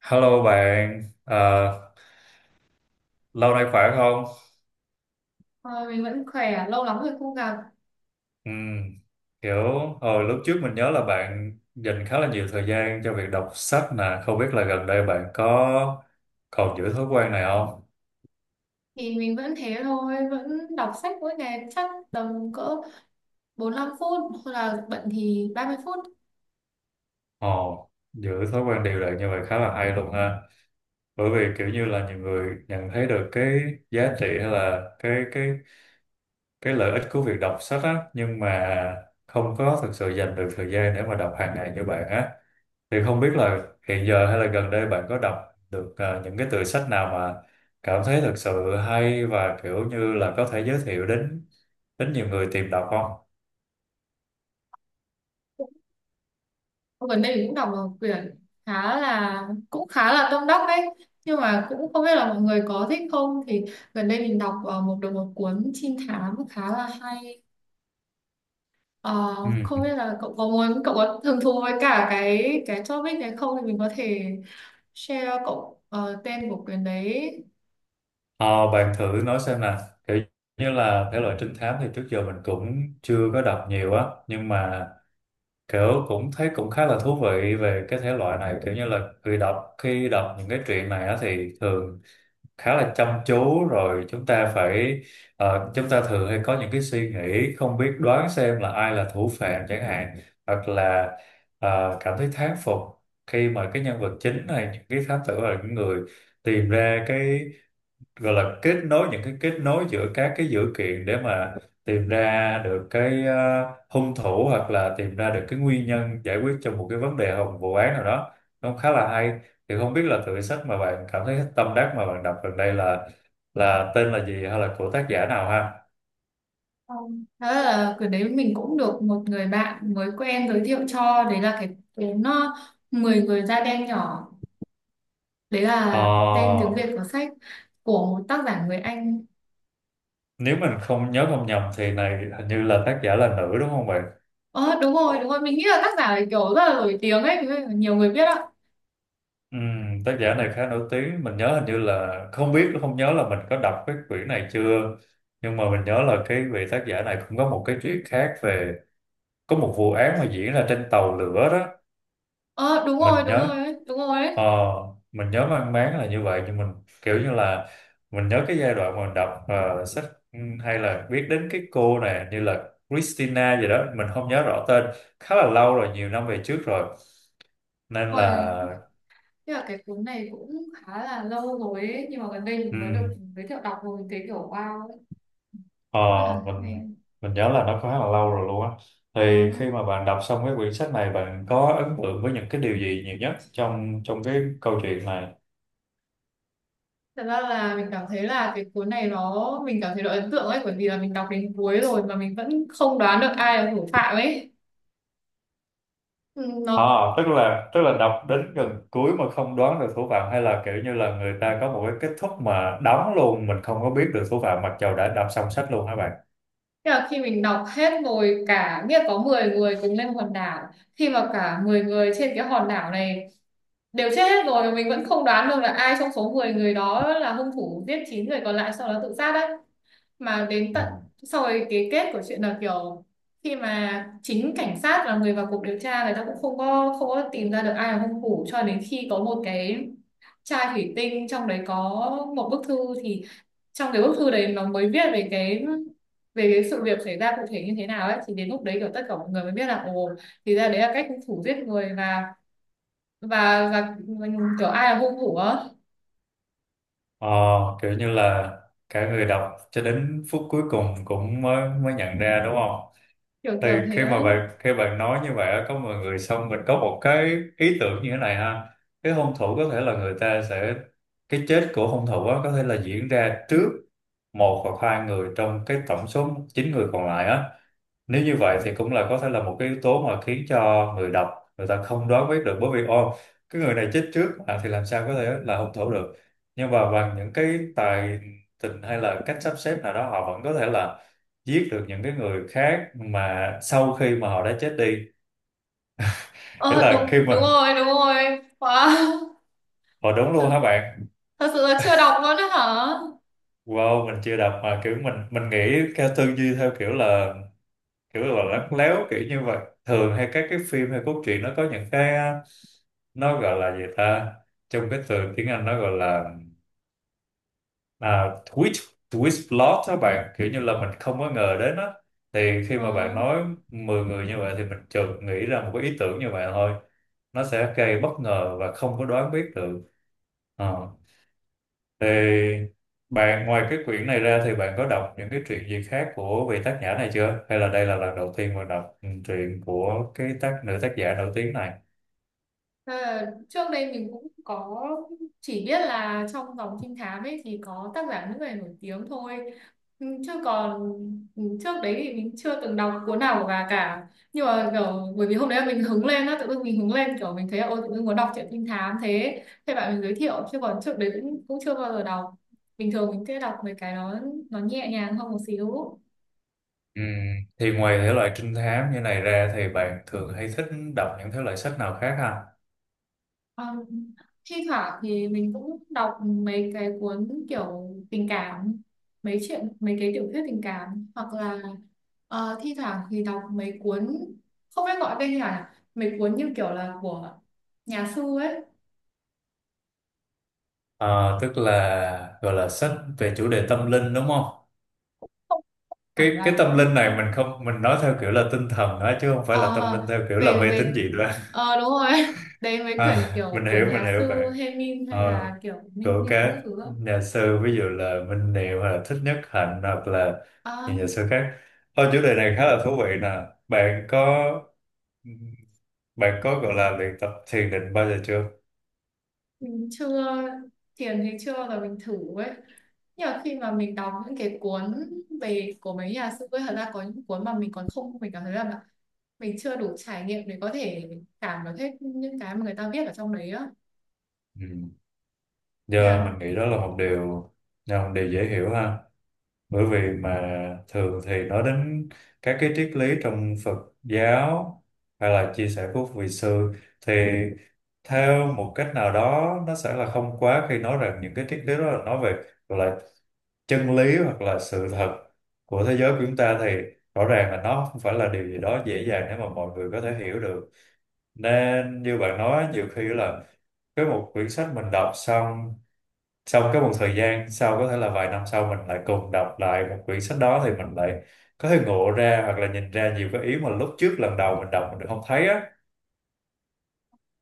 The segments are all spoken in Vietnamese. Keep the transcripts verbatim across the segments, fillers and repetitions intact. Hello bạn, Ờ, lâu nay khỏe không? Thôi mình vẫn khỏe, lâu lắm rồi không gặp, Ừ, kiểu hồi lúc trước mình nhớ là bạn dành khá là nhiều thời gian cho việc đọc sách nè, không biết là gần đây bạn có còn giữ thói quen này không? thì mình vẫn thế thôi, vẫn đọc sách mỗi ngày chắc tầm cỡ bốn mươi lăm phút hoặc là bận thì ba mươi phút. Ồ, giữ thói quen đều đặn như vậy khá là hay luôn ha, bởi vì kiểu như là nhiều người nhận thấy được cái giá trị hay là cái cái cái lợi ích của việc đọc sách á, nhưng mà không có thực sự dành được thời gian để mà đọc hàng ngày như bạn á thì không biết là hiện giờ hay là gần đây bạn có đọc được à, những cái tựa sách nào mà cảm thấy thực sự hay và kiểu như là có thể giới thiệu đến đến nhiều người tìm đọc không? Gần đây mình cũng đọc một quyển khá là, cũng khá là tâm đắc đấy. Nhưng mà cũng không biết là mọi người có thích không, thì gần đây mình đọc ờ, một được một cuốn trinh thám khá là hay. Ờ, Ừ. Không biết là cậu có muốn, cậu có hứng thú với cả cái cái topic này không, thì mình có thể share cậu ờ, tên của quyển đấy. Ờ, bạn thử nói xem nè, kiểu như là thể loại trinh thám thì trước giờ mình cũng chưa có đọc nhiều á, nhưng mà kiểu cũng thấy cũng khá là thú vị về cái thể loại này, kiểu như là khi đọc khi đọc những cái truyện này á thì thường khá là chăm chú, rồi chúng ta phải ờ, chúng ta thường hay có những cái suy nghĩ không biết đoán xem là ai là thủ phạm chẳng hạn, hoặc là ờ, cảm thấy thán phục khi mà cái nhân vật chính này, những cái thám tử là những người tìm ra cái gọi là kết nối, những cái kết nối giữa các cái dữ kiện để mà tìm ra được cái ờ, hung thủ hoặc là tìm ra được cái nguyên nhân, giải quyết cho một cái vấn đề hoặc một vụ án nào đó, nó khá là hay. Thì không biết là tựa sách mà bạn cảm thấy tâm đắc mà bạn đọc gần đây là là tên là gì hay là của tác giả nào ha? Không. Đó là, cái đấy mình cũng được một người bạn mới quen giới thiệu cho, đấy là cái cuốn nó, mười người da đen nhỏ, đấy Ờ, là tên tiếng Việt của sách, của một tác giả người Anh. nếu mình không nhớ không nhầm thì này hình như là tác giả là nữ đúng không bạn? Ờ đúng rồi đúng rồi, mình nghĩ là tác giả này kiểu rất là nổi tiếng ấy, thế nên là nhiều người biết ạ. Ừ, tác giả này khá nổi tiếng, mình nhớ hình như là không biết, không nhớ là mình có đọc cái quyển này chưa, nhưng mà mình nhớ là cái vị tác giả này cũng có một cái chuyện khác về có một vụ án mà diễn ra trên tàu lửa đó. Ờ đúng mình rồi đúng rồi nhớ ấy, đúng rồi ấy. ờ, mình nhớ mang máng là như vậy, nhưng mình kiểu như là mình nhớ cái giai đoạn mà mình đọc ờ, sách, ừ, hay là biết đến cái cô này, như là Christina gì đó, mình không nhớ rõ tên, khá là lâu rồi, nhiều năm về trước rồi, nên Rồi, là thế là cái cuốn này cũng khá là lâu rồi ấy, nhưng mà gần đây mình ừ, mới được giới thiệu đọc, rồi mình thấy kiểu wow ấy. Ờ, Rất là mình hay. mình nhớ là nó khá là lâu rồi luôn á. Ờ. Thì khi mà bạn đọc xong cái quyển sách này, bạn có ấn tượng với những cái điều gì nhiều nhất trong trong cái câu chuyện này? Thật ra là mình cảm thấy là cái cuốn này nó, mình cảm thấy nó ấn tượng ấy, bởi vì là mình đọc đến cuối rồi mà mình vẫn không đoán được ai là thủ phạm ấy. Ừ, À, nó, tức là tức là đọc đến gần cuối mà không đoán được thủ phạm, hay là kiểu như là người ta có một cái kết thúc mà đóng luôn, mình không có biết được thủ phạm mặc dầu đã đọc xong sách luôn hả bạn? tức là khi mình đọc hết rồi, cả biết có mười người cùng lên hòn đảo, khi mà cả mười người trên cái hòn đảo này đều chết hết rồi mà mình vẫn không đoán được là ai trong số mười người đó là hung thủ giết chín người còn lại sau đó tự sát đấy. Mà đến Ừ. tận sau rồi, cái kết của chuyện là kiểu, khi mà chính cảnh sát là người vào cuộc điều tra, người ta cũng không có không có tìm ra được ai là hung thủ, cho đến khi có một cái chai thủy tinh, trong đấy có một bức thư, thì trong cái bức thư đấy nó mới viết về cái về cái sự việc xảy ra cụ thể như thế nào ấy, thì đến lúc đấy kiểu tất cả mọi người mới biết là ồ, thì ra đấy là cách hung thủ giết người, và và và, và kiểu ai là hung thủ á. Ờ, kiểu như là cả người đọc cho đến phút cuối cùng cũng mới mới nhận ra đúng không? Kiểu Thì kiểu thế khi á. mà bạn khi bạn nói như vậy á, có mọi người xong mình có một cái ý tưởng như thế này ha, cái hung thủ có thể là người ta sẽ, cái chết của hung thủ á, có thể là diễn ra trước một hoặc hai người trong cái tổng số chín người còn lại á. Nếu như vậy thì cũng là có thể là một cái yếu tố mà khiến cho người đọc, người ta không đoán biết được, bởi vì ô, cái người này chết trước mà thì làm sao có thể là hung thủ được, nhưng mà bằng những cái tài tình hay là cách sắp xếp nào đó họ vẫn có thể là giết được những cái người khác mà sau khi mà họ đã chết đi, nghĩa Ờ là khi đúng đúng mà rồi đúng rồi wow, họ đúng luôn hả bạn? thật sự là chưa đọc luôn đấy hả. Wow, mình chưa đọc mà kiểu mình mình nghĩ theo tư duy theo kiểu là kiểu là lắt léo kiểu như vậy. Thường hay các cái phim hay cốt truyện nó có những cái, nó gọi là gì ta, trong cái từ tiếng Anh nó gọi là à, twist twist plot đó bạn, kiểu như là mình không có ngờ đến á. Thì khi mà Ờ. bạn nói mười người như vậy thì mình chợt nghĩ ra một cái ý tưởng như vậy thôi, nó sẽ gây bất ngờ và không có đoán biết được. Ờ. Thì bạn ngoài cái quyển này ra thì bạn có đọc những cái truyện gì khác của vị tác giả này chưa, hay là đây là lần đầu tiên mình đọc ừ, truyện của cái tác, nữ tác giả nổi tiếng này. Thế là trước đây mình cũng có, chỉ biết là trong dòng trinh thám ấy thì có tác giả nước ngoài nổi tiếng thôi. Ừ, chứ còn ừ, trước đấy thì mình chưa từng đọc cuốn nào của bà cả, nhưng mà kiểu bởi vì hôm đấy mình hứng lên á, tự dưng mình hứng lên kiểu mình thấy là ôi, tự dưng muốn đọc truyện trinh thám, thế thế bạn mình giới thiệu, chứ còn trước đấy cũng cũng chưa bao giờ đọc. Bình thường mình sẽ đọc mấy cái nó, nó nhẹ nhàng hơn một xíu. Ừ. Thì ngoài thể loại trinh thám như này ra thì bạn thường hay thích đọc những thể loại sách nào khác ha? Ờ, thi thoảng thì mình cũng đọc mấy cái cuốn kiểu tình cảm, mấy chuyện, mấy cái tiểu thuyết tình cảm, hoặc là ờ, thi thoảng thì đọc mấy cuốn, không biết gọi tên như nào nhỉ? Mấy cuốn như kiểu là của nhà sư ấy, Ờ, tức là gọi là sách về chủ đề tâm linh đúng không? không hẳn Cái cái là tâm linh tâm này linh. mình không, mình nói theo kiểu là tinh thần đó, chứ không Ờ, phải là tâm ờ, linh theo kiểu là về mê tín về dị đoan. ờ, đúng rồi đấy, mấy quyển À, mình kiểu của hiểu mình nhà hiểu sư bạn. Hemin hay Ờ, là kiểu Minh của Niệm các các thứ. nhà sư, ví dụ là Minh Niệm hoặc là Thích Nhất Hạnh hoặc là những nhà Đó, sư khác. Ô, chủ đề này khá là thú vị nè. Bạn có bạn có gọi là luyện tập thiền định bao giờ chưa? mình chưa, thiền thì chưa bao giờ mình thử ấy, nhưng mà khi mà mình đọc những cái cuốn về, của mấy nhà sư ấy, thật ra có những cuốn mà mình còn không, mình cảm thấy là mình chưa đủ trải nghiệm để có thể cảm được hết những cái mà người ta viết ở trong đấy á, Ừ. nên Giờ là, mình nghĩ đó là một điều là một điều dễ hiểu ha. Bởi vì mà thường thì nói đến các cái triết lý trong Phật giáo hay là chia sẻ của vị sư thì theo một cách nào đó nó sẽ là không quá khi nói rằng những cái triết lý đó là nói về, gọi là, chân lý hoặc là sự thật của thế giới của chúng ta, thì rõ ràng là nó không phải là điều gì đó dễ dàng để mà mọi người có thể hiểu được. Nên như bạn nói, nhiều khi là cái một quyển sách mình đọc xong, sau cái một thời gian sau có thể là vài năm sau mình lại cùng đọc lại một quyển sách đó, thì mình lại có thể ngộ ra hoặc là nhìn ra nhiều cái ý mà lúc trước lần đầu mình đọc mình được không thấy á.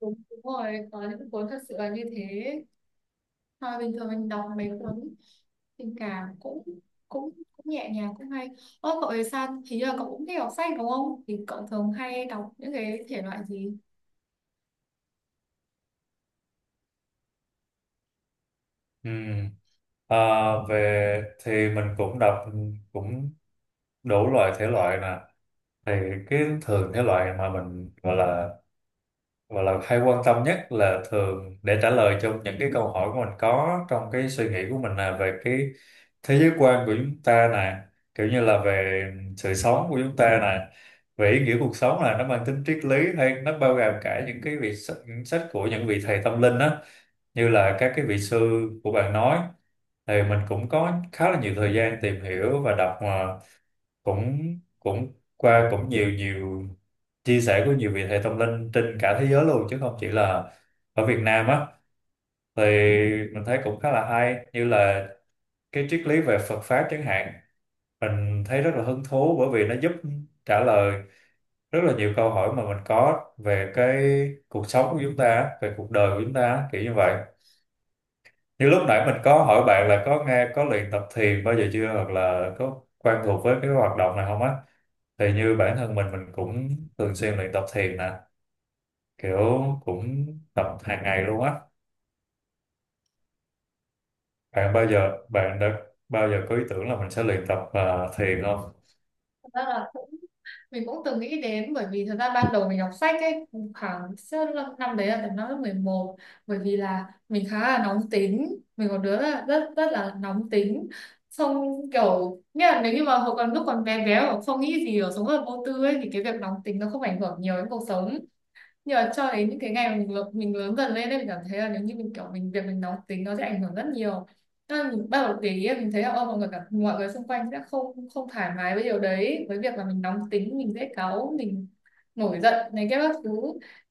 đúng, đúng rồi, có những cuốn thật sự là như thế. Mà bình thường mình đọc mấy cuốn tình cảm cũng cũng cũng nhẹ nhàng cũng hay. Ơ cậu thì sao, hình như là cậu cũng thích đọc sách đúng không, thì cậu thường hay đọc những cái thể loại gì? Ừ. à, về thì mình cũng đọc cũng đủ loại thể loại nè, thì cái thường thể loại mà mình gọi là và là hay quan tâm nhất là thường để trả lời trong những cái câu hỏi của mình, có trong cái suy nghĩ của mình là về cái thế giới quan của chúng ta nè, kiểu như là về sự sống của chúng ta nè, về ý nghĩa cuộc sống, là nó mang tính triết lý hay nó bao gồm cả những cái vị sách, những sách của những vị thầy tâm linh á, như là các cái vị sư của bạn nói. Thì mình cũng có khá là nhiều thời gian tìm hiểu và đọc ờ, cũng cũng qua cũng nhiều nhiều chia sẻ của nhiều vị thầy tâm linh trên cả thế giới luôn, chứ không chỉ là ở Việt Nam á. Thì mình thấy cũng khá là hay, như là cái triết lý về Phật pháp chẳng hạn, mình thấy rất là hứng thú, bởi vì nó giúp trả lời rất là nhiều câu hỏi mà mình có về cái cuộc sống của chúng ta á, về cuộc đời của chúng ta á, kiểu như vậy. Như lúc nãy mình có hỏi bạn là có nghe, có luyện tập thiền bao giờ chưa, hoặc là có quen thuộc với cái hoạt động này không á, thì như bản thân mình mình cũng thường xuyên luyện tập thiền nè, kiểu cũng tập hàng ngày luôn á. Bạn bao giờ bạn đã bao giờ có ý tưởng là mình sẽ luyện tập à, thiền không? Mình cũng từng nghĩ đến, bởi vì thật ra ban đầu mình đọc sách ấy, khoảng sơ- năm năm đấy, là tầm năm lớp mười một, bởi vì là mình khá là nóng tính, mình có đứa là rất rất là nóng tính, xong kiểu, nghĩa là nếu như mà hồi còn, lúc còn bé bé mà không nghĩ gì, ở sống rất là vô tư ấy, thì cái việc nóng tính nó không ảnh hưởng nhiều đến cuộc sống. Nhưng mà cho đến những cái ngày mình lớn, mình lớn dần lên ấy, mình cảm thấy là nếu như mình kiểu, mình, việc mình nóng tính nó sẽ ảnh hưởng rất nhiều. Nên mình bắt đầu để ý, mình thấy là ô, mọi người cả, mọi người xung quanh sẽ không không thoải mái với điều đấy, với việc là mình nóng tính, mình dễ cáu, mình nổi giận này kia các thứ.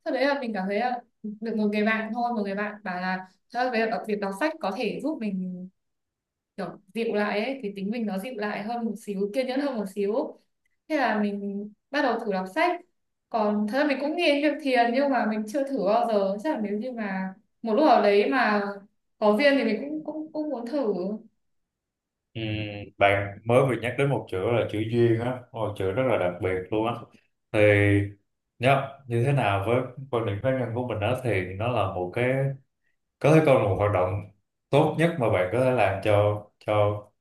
Sau đấy là mình cảm thấy là được một người bạn thôi, một người bạn bảo là thật ra là việc đọc sách có thể giúp mình kiểu dịu lại ấy, thì tính mình nó dịu lại hơn một xíu, kiên nhẫn hơn một xíu. Thế là mình bắt đầu thử đọc sách. Còn thật ra mình cũng nghe việc Thiền, nhưng mà mình chưa thử bao giờ. Chắc là nếu như mà một lúc nào đấy mà có duyên thì mình cũng cũng cũng muốn thử. Ừm, bạn mới vừa nhắc đến một chữ là chữ duyên á, một chữ rất là đặc biệt luôn á. Thì nhá, như thế nào với quan điểm cá nhân của mình đó, thì nó là một cái có thể coi là một hoạt động tốt nhất mà bạn có thể làm cho cho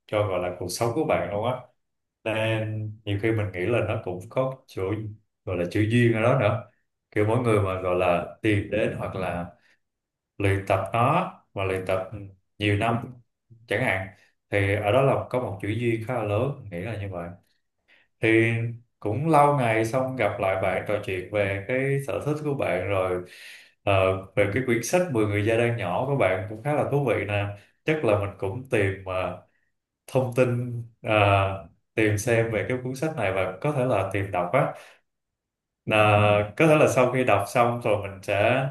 cho gọi là cuộc sống của bạn luôn á. Nên nhiều khi mình nghĩ là nó cũng có chỗ gọi là chữ duyên ở đó nữa, kiểu mỗi người mà gọi là tìm đến hoặc là luyện tập nó, và luyện tập nhiều năm chẳng hạn, thì ở đó là có một chữ duyên khá là lớn, mình nghĩ là như vậy. Thì cũng lâu ngày xong gặp lại bạn, trò chuyện về cái sở thích của bạn rồi, ờ, về cái quyển sách mười người gia đang nhỏ của bạn cũng khá là thú vị nè. Chắc là mình cũng tìm ờ, thông tin, ờ, tìm xem về cái cuốn sách này và có thể là tìm đọc á. Là có thể là sau khi đọc xong rồi mình sẽ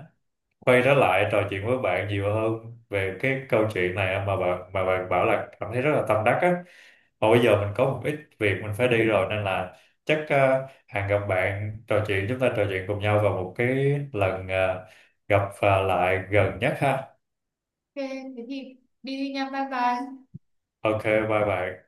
quay trở lại trò chuyện với bạn nhiều hơn về cái câu chuyện này mà bạn mà bạn bảo là cảm thấy rất là tâm đắc á. Mà bây giờ mình có một ít việc mình phải đi rồi, nên là chắc ờ, hẹn gặp bạn trò chuyện chúng ta trò chuyện cùng nhau vào một cái lần ờ, gặp ờ, lại gần nhất ha. Ok, thế thì đi đi nha, bye bye. Ok, bye bye.